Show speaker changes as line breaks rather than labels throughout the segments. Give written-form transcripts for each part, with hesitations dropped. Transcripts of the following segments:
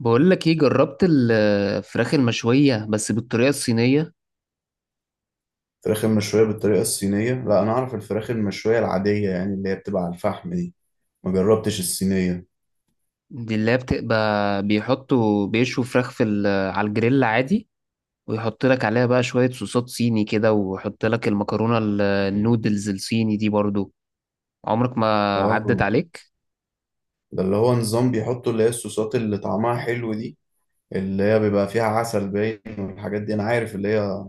بقول لك ايه؟ جربت الفراخ المشوية بس بالطريقة الصينية؟
فراخ المشوية بالطريقة الصينية؟ لا، أنا أعرف الفراخ المشوية العادية، يعني اللي هي بتبقى على الفحم دي. ما جربتش الصينية.
دي اللي هي بتبقى بيحطوا بيشوا فراخ على الجريل عادي، ويحط لك عليها بقى شوية صوصات صيني كده، ويحط لك المكرونة النودلز الصيني دي برضو. عمرك ما عدت
آه.
عليك.
ده اللي هو نظام بيحطوا اللي هي الصوصات اللي طعمها حلو دي، اللي هي بيبقى فيها عسل باين والحاجات دي، أنا عارف اللي هي.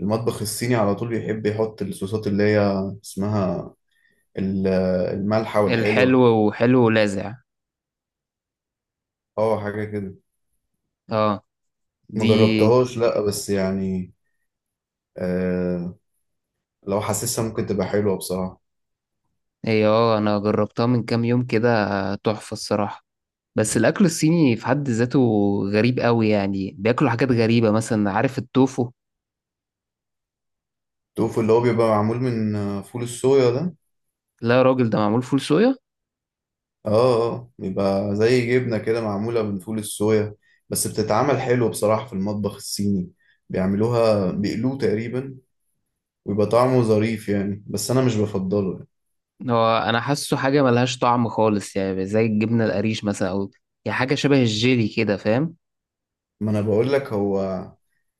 المطبخ الصيني على طول بيحب يحط الصوصات اللي هي اسمها ال- المالحة
الحلو
والحلوة.
وحلو ولاذع.
آه، حاجة كده.
اه.
ما
دي
جربتهاش، لا بس يعني. آه. لو حاسسها ممكن تبقى حلوة بصراحة.
هي اه انا جربتها من كام يوم كده، تحفة الصراحة. بس الأكل الصيني في حد ذاته غريب قوي، يعني بياكلوا حاجات غريبة مثلا، عارف التوفو؟
التوفو اللي هو بيبقى معمول من فول الصويا ده.
لا يا راجل، ده معمول فول صويا.
اه. اه، بيبقى زي جبنة كده معمولة من فول الصويا، بس بتتعمل حلو بصراحة في المطبخ الصيني. بيعملوها بيقلوه تقريبا، ويبقى طعمه ظريف يعني، بس أنا مش بفضله يعني.
هو انا حاسه حاجه ملهاش طعم خالص، يعني زي الجبنه القريش مثلا، او يعني حاجه شبه الجيلي كده، فاهم؟
ما أنا بقول لك، هو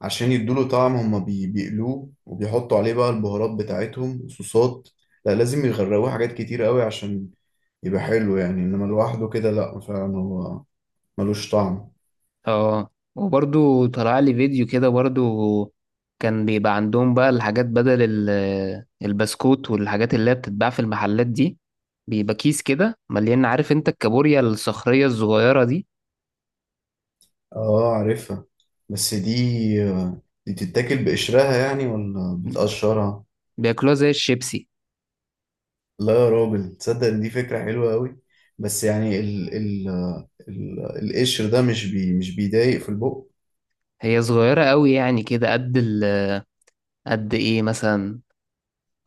عشان يدوله طعم هما بيقلوه وبيحطوا عليه بقى البهارات بتاعتهم وصوصات. لا، لازم يغرقوه حاجات كتير قوي عشان يبقى حلو يعني، إنما لوحده كده لا، فعلا هو ملوش طعم.
اه. وبرضو طلع لي فيديو كده برضو، كان بيبقى عندهم بقى الحاجات بدل البسكوت والحاجات اللي هي بتتباع في المحلات دي. بيبقى كيس كده مليان، عارف انت الكابوريا الصخريه الصغيره دي؟
اه، عارفها. بس دي دي بتتاكل بقشرها يعني ولا بتقشرها؟
بياكلوها زي الشيبسي.
لا يا راجل، تصدق إن دي فكرة حلوة قوي. بس يعني ال ال ال القشر ده مش بيضايق في البق؟
هي صغيرة قوي، يعني كده قد قد ايه مثلا؟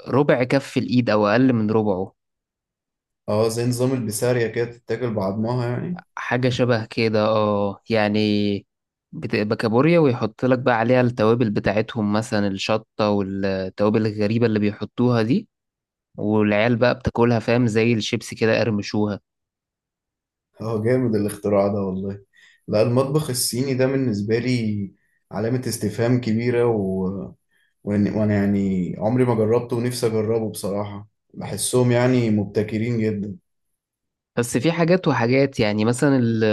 ربع كف الايد او اقل من ربعه.
اه، زي نظام البسارية كده، تتاكل بعضمها يعني.
حاجة شبه كده اه يعني. بتبقى كابوريا ويحط لك بقى عليها التوابل بتاعتهم، مثلا الشطة والتوابل الغريبة اللي بيحطوها دي، والعيال بقى بتاكلها، فاهم؟ زي الشيبس كده قرمشوها.
اه، جامد الاختراع ده والله. لا، المطبخ الصيني ده بالنسبة لي علامة استفهام كبيرة، وانا يعني عمري ما جربته ونفسي اجربه بصراحة. بحسهم يعني مبتكرين جدا.
بس في حاجات وحاجات، يعني مثلا ال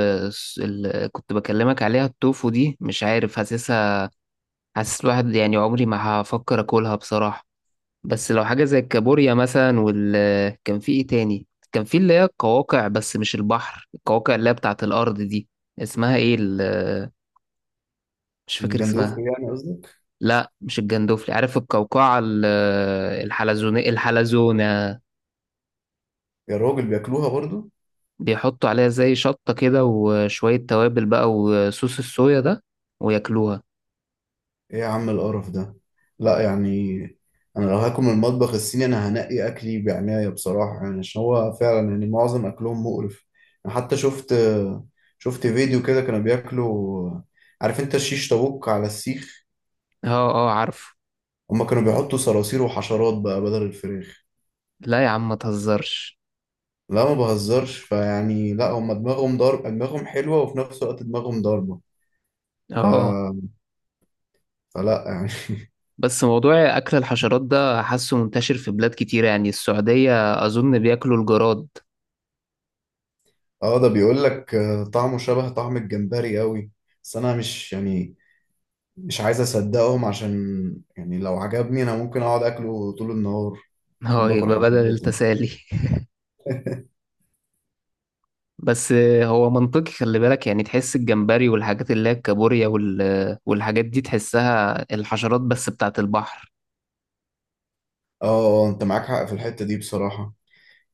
ال كنت بكلمك عليها التوفو دي، مش عارف حاسسها، حاسس الواحد يعني عمري ما هفكر اكلها بصراحة. بس لو حاجة زي الكابوريا مثلا، وال كان في ايه تاني؟ كان في اللي هي القواقع، بس مش البحر، القواقع اللي هي بتاعة الأرض دي، اسمها ايه ال... مش فاكر اسمها.
الجندوفلي يعني قصدك؟
لا مش الجندوفلي، عارف القوقعة الحلزون، الحلزونة.
يا راجل بياكلوها برضو؟
بيحطوا عليها زي شطة كده وشوية توابل بقى، وصوص الصويا ده، وياكلوها.
ايه يا عم القرف ده؟ لا يعني، انا لو هاكل من المطبخ الصيني انا هنقي اكلي بعناية بصراحة، يعني عشان هو فعلا يعني معظم اكلهم مقرف. انا حتى شفت فيديو كده كانوا بياكلوا، عارف انت الشيش طاووق على السيخ؟
اه. اه عارفه.
هما كانوا بيحطوا صراصير وحشرات بقى بدل الفراخ.
لا يا عم ما تهزرش.
لا، ما بهزرش، فيعني لا هما دماغهم ضرب، دماغهم حلوة وفي نفس الوقت دماغهم ضاربة.
اه
ف...
آه.
فلا يعني.
بس موضوع أكل الحشرات ده حاسه منتشر في بلاد كتيرة، يعني السعودية أظن بياكلوا الجراد.
اه، ده بيقول لك طعمه شبه طعم الجمبري قوي. بس انا مش يعني، مش عايز اصدقهم، عشان يعني لو عجبني انا ممكن اقعد اكله طول النهار،
هو
اكون باكل
يبقى بدل
حشرات يعني.
التسالي. بس هو منطقي، خلي بالك يعني، تحس الجمبري والحاجات اللي هي الكابوريا وال... والحاجات دي، تحسها الحشرات بس بتاعت البحر.
اه آه، انت معاك حق في الحتة دي بصراحة.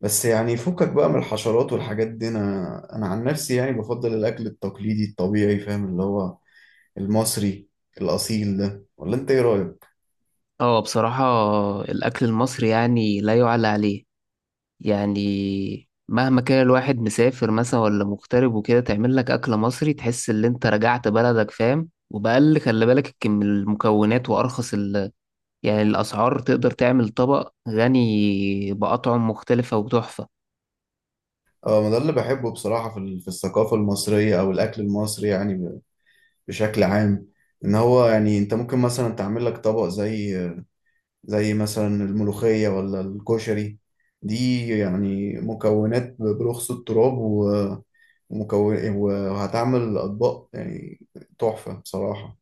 بس يعني فكك بقى من الحشرات والحاجات دي. انا انا عن نفسي يعني بفضل الاكل التقليدي الطبيعي، فاهم، اللي هو المصري الاصيل ده. ولا انت ايه رايك؟
اه بصراحة، الأكل المصري يعني لا يعلى عليه. يعني مهما كان الواحد مسافر مثلا ولا مغترب وكده، تعمل لك أكل مصري تحس إن أنت رجعت بلدك، فاهم؟ وبأقل خلي بالك المكونات، وأرخص ال... يعني الأسعار، تقدر تعمل طبق غني بأطعم مختلفة وتحفة.
اه، ما ده اللي بحبه بصراحة في في الثقافة المصرية او الاكل المصري يعني، بشكل عام، ان هو يعني انت ممكن مثلا تعمل لك طبق زي مثلا الملوخية ولا الكشري، دي يعني مكونات برخص التراب، ومكون وهتعمل اطباق يعني تحفة بصراحة.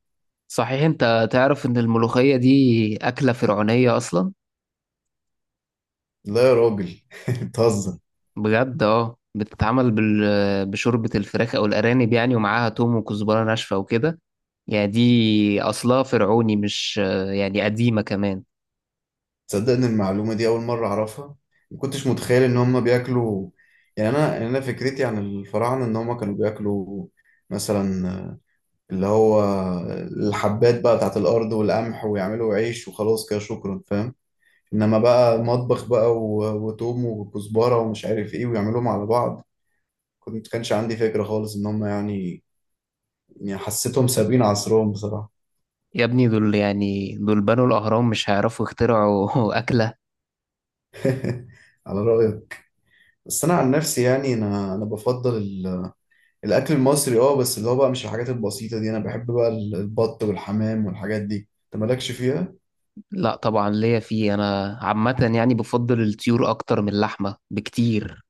صحيح أنت تعرف إن الملوخية دي أكلة فرعونية أصلا؟
لا يا راجل بتهزر.
بجد، أه، بتتعمل بال... بشوربة الفراخ أو الأرانب يعني، ومعاها توم وكزبرة ناشفة وكده. يعني دي أصلها فرعوني، مش يعني قديمة كمان.
تصدق ان المعلومة دي اول مرة اعرفها؟ ما كنتش متخيل ان هم بياكلوا، يعني انا، يعني انا فكرتي عن الفراعنة ان هم كانوا بياكلوا مثلا اللي هو الحبات بقى بتاعت الأرض والقمح ويعملوا عيش وخلاص كده، شكرا، فاهم. إنما بقى مطبخ بقى وتوم وكزبرة ومش عارف إيه ويعملوهم على بعض، كنت كانش عندي فكرة خالص إن هم يعني، يعني حسيتهم سابقين عصرهم بصراحة.
يا ابني دول يعني، دول بنوا الأهرام، مش هيعرفوا يخترعوا أكلة؟
على رأيك. بس أنا عن نفسي يعني، أنا أنا بفضل الأكل المصري، أه، بس اللي هو بقى مش الحاجات البسيطة دي، أنا بحب بقى البط والحمام والحاجات دي. أنت مالكش فيها؟
لا طبعا ليا فيه. أنا عامة يعني بفضل الطيور أكتر من اللحمة بكتير.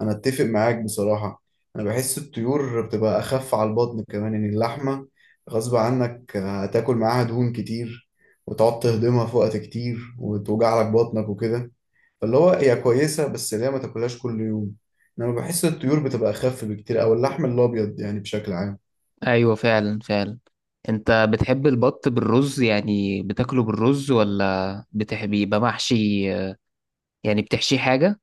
انا اتفق معاك بصراحة. انا بحس الطيور بتبقى اخف على البطن، كمان ان اللحمة غصب عنك هتاكل معاها دهون كتير، وتقعد تهضمها في وقت كتير وتوجع لك بطنك وكده. فاللي هو هي كويسة بس اللي هي ما تاكلهاش كل يوم. انما بحس الطيور بتبقى اخف بكتير، او اللحم الابيض يعني بشكل عام.
أيوة فعلا فعلا. أنت بتحب البط بالرز؟ يعني بتاكله بالرز ولا بتحب يبقى محشي؟ يعني بتحشيه حاجة؟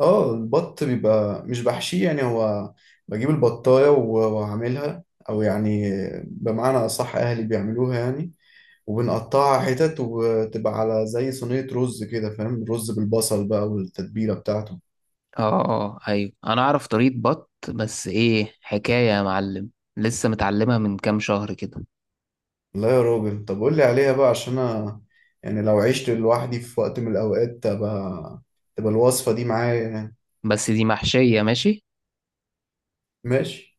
اه، البط بيبقى مش بحشيه يعني. هو بجيب البطاية واعملها او يعني، بمعنى اصح اهلي بيعملوها يعني، وبنقطعها حتت وتبقى على زي صينية رز كده، فاهم، رز بالبصل بقى والتتبيلة بتاعته.
آه آه آه، أيوة أنا أعرف طريقة بط، بس إيه حكاية يا معلم، لسه متعلمها من كام شهر كده.
لا يا راجل، طب قول لي عليها بقى، عشان انا يعني لو عشت لوحدي في وقت من الاوقات، تبقى الوصفة دي معايا يعني.
بس دي محشية ماشي.
ماشي.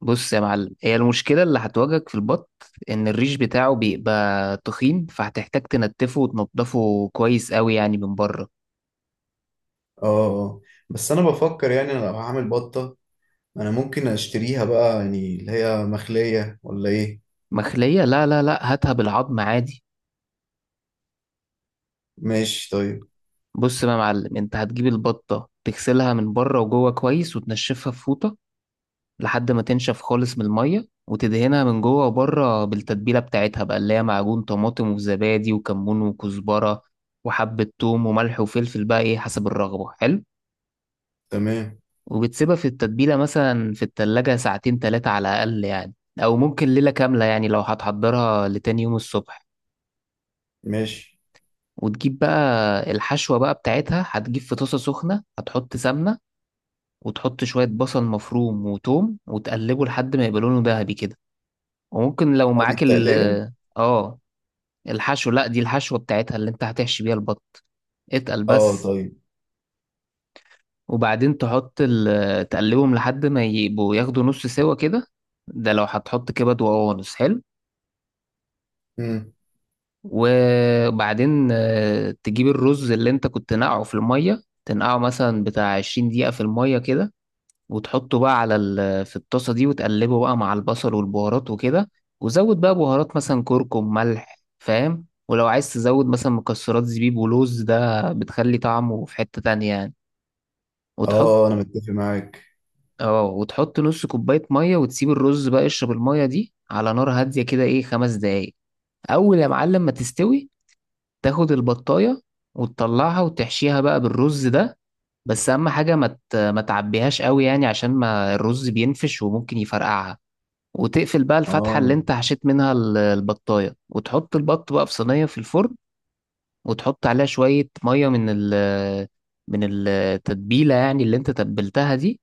بص يا معلم، هي المشكلة اللي هتواجهك في البط إن الريش بتاعه بيبقى تخين، فهتحتاج تنتفه وتنضفه كويس قوي يعني من بره.
اه آه. بس انا بفكر يعني، أنا لو هعمل بطة، انا ممكن اشتريها بقى يعني اللي هي مخلية، ولا ايه؟
مخلية؟ لا هاتها بالعظم عادي.
ماشي طيب.
بص بقى يا معلم، أنت هتجيب البطة تغسلها من بره وجوه كويس، وتنشفها في فوطة لحد ما تنشف خالص من المية، وتدهنها من جوه وبره بالتتبيلة بتاعتها بقى، اللي هي معجون طماطم وزبادي وكمون وكزبرة وحبة توم وملح وفلفل بقى، إيه حسب الرغبة، حلو.
تمام.
وبتسيبها في التتبيلة مثلا في التلاجة ساعتين تلاتة على الأقل يعني، أو ممكن ليلة كاملة يعني لو هتحضرها لتاني يوم الصبح.
ماشي.
وتجيب بقى الحشوة بقى بتاعتها، هتجيب في طاسة سخنة، هتحط سمنة، وتحط شوية بصل مفروم وتوم، وتقلبه لحد ما يبقى لونه ذهبي كده. وممكن لو
اه، دي
معاك ال
التقلية؟
اه، الحشو، لا دي الحشوة بتاعتها اللي انت هتحشي بيها البط، اتقل
اه
بس.
طيب.
وبعدين تحط تقلبهم لحد ما يبقوا ياخدوا نص سوا كده، ده لو هتحط كبد وقوانص، حلو.
امم.
وبعدين تجيب الرز اللي انت كنت نقعه في المية، تنقعه مثلا بتاع 20 دقيقة في المية كده، وتحطه بقى على ال... في الطاسة دي، وتقلبه بقى مع البصل والبهارات وكده. وزود بقى بهارات مثلا كركم ملح، فاهم؟ ولو عايز تزود مثلا مكسرات زبيب ولوز، ده بتخلي طعمه في حتة تانية يعني. وتحط
اه، انا متفق معاك.
اه، وتحط نص كوباية مية، وتسيب الرز بقى يشرب المية دي على نار هادية كده، ايه، خمس دقايق. أول يا معلم ما تستوي، تاخد البطاية وتطلعها وتحشيها بقى بالرز ده. بس أهم حاجة ما تعبيهاش قوي، يعني عشان ما الرز بينفش وممكن يفرقعها. وتقفل بقى الفتحة اللي
اه،
انت حشيت منها البطاية، وتحط البط بقى في صينية في الفرن. وتحط عليها شوية مية من من التتبيلة يعني، اللي انت تبلتها دي.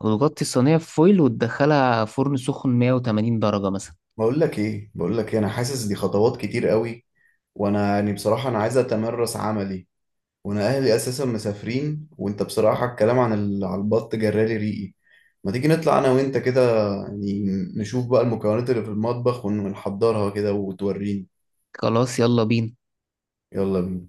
وتغطي الصينية بفويل، وتدخلها فرن سخن 180 درجة مثلا.
بقول لك ايه، بقول لك إيه؟ انا حاسس دي خطوات كتير قوي، وانا يعني بصراحه انا عايز اتمرس عملي، وانا اهلي اساسا مسافرين، وانت بصراحه الكلام عن على البط جرالي ريقي. ما تيجي نطلع انا وانت كده يعني، نشوف بقى المكونات اللي في المطبخ ونحضرها كده وتوريني.
خلاص، يلا بينا.
يلا بينا.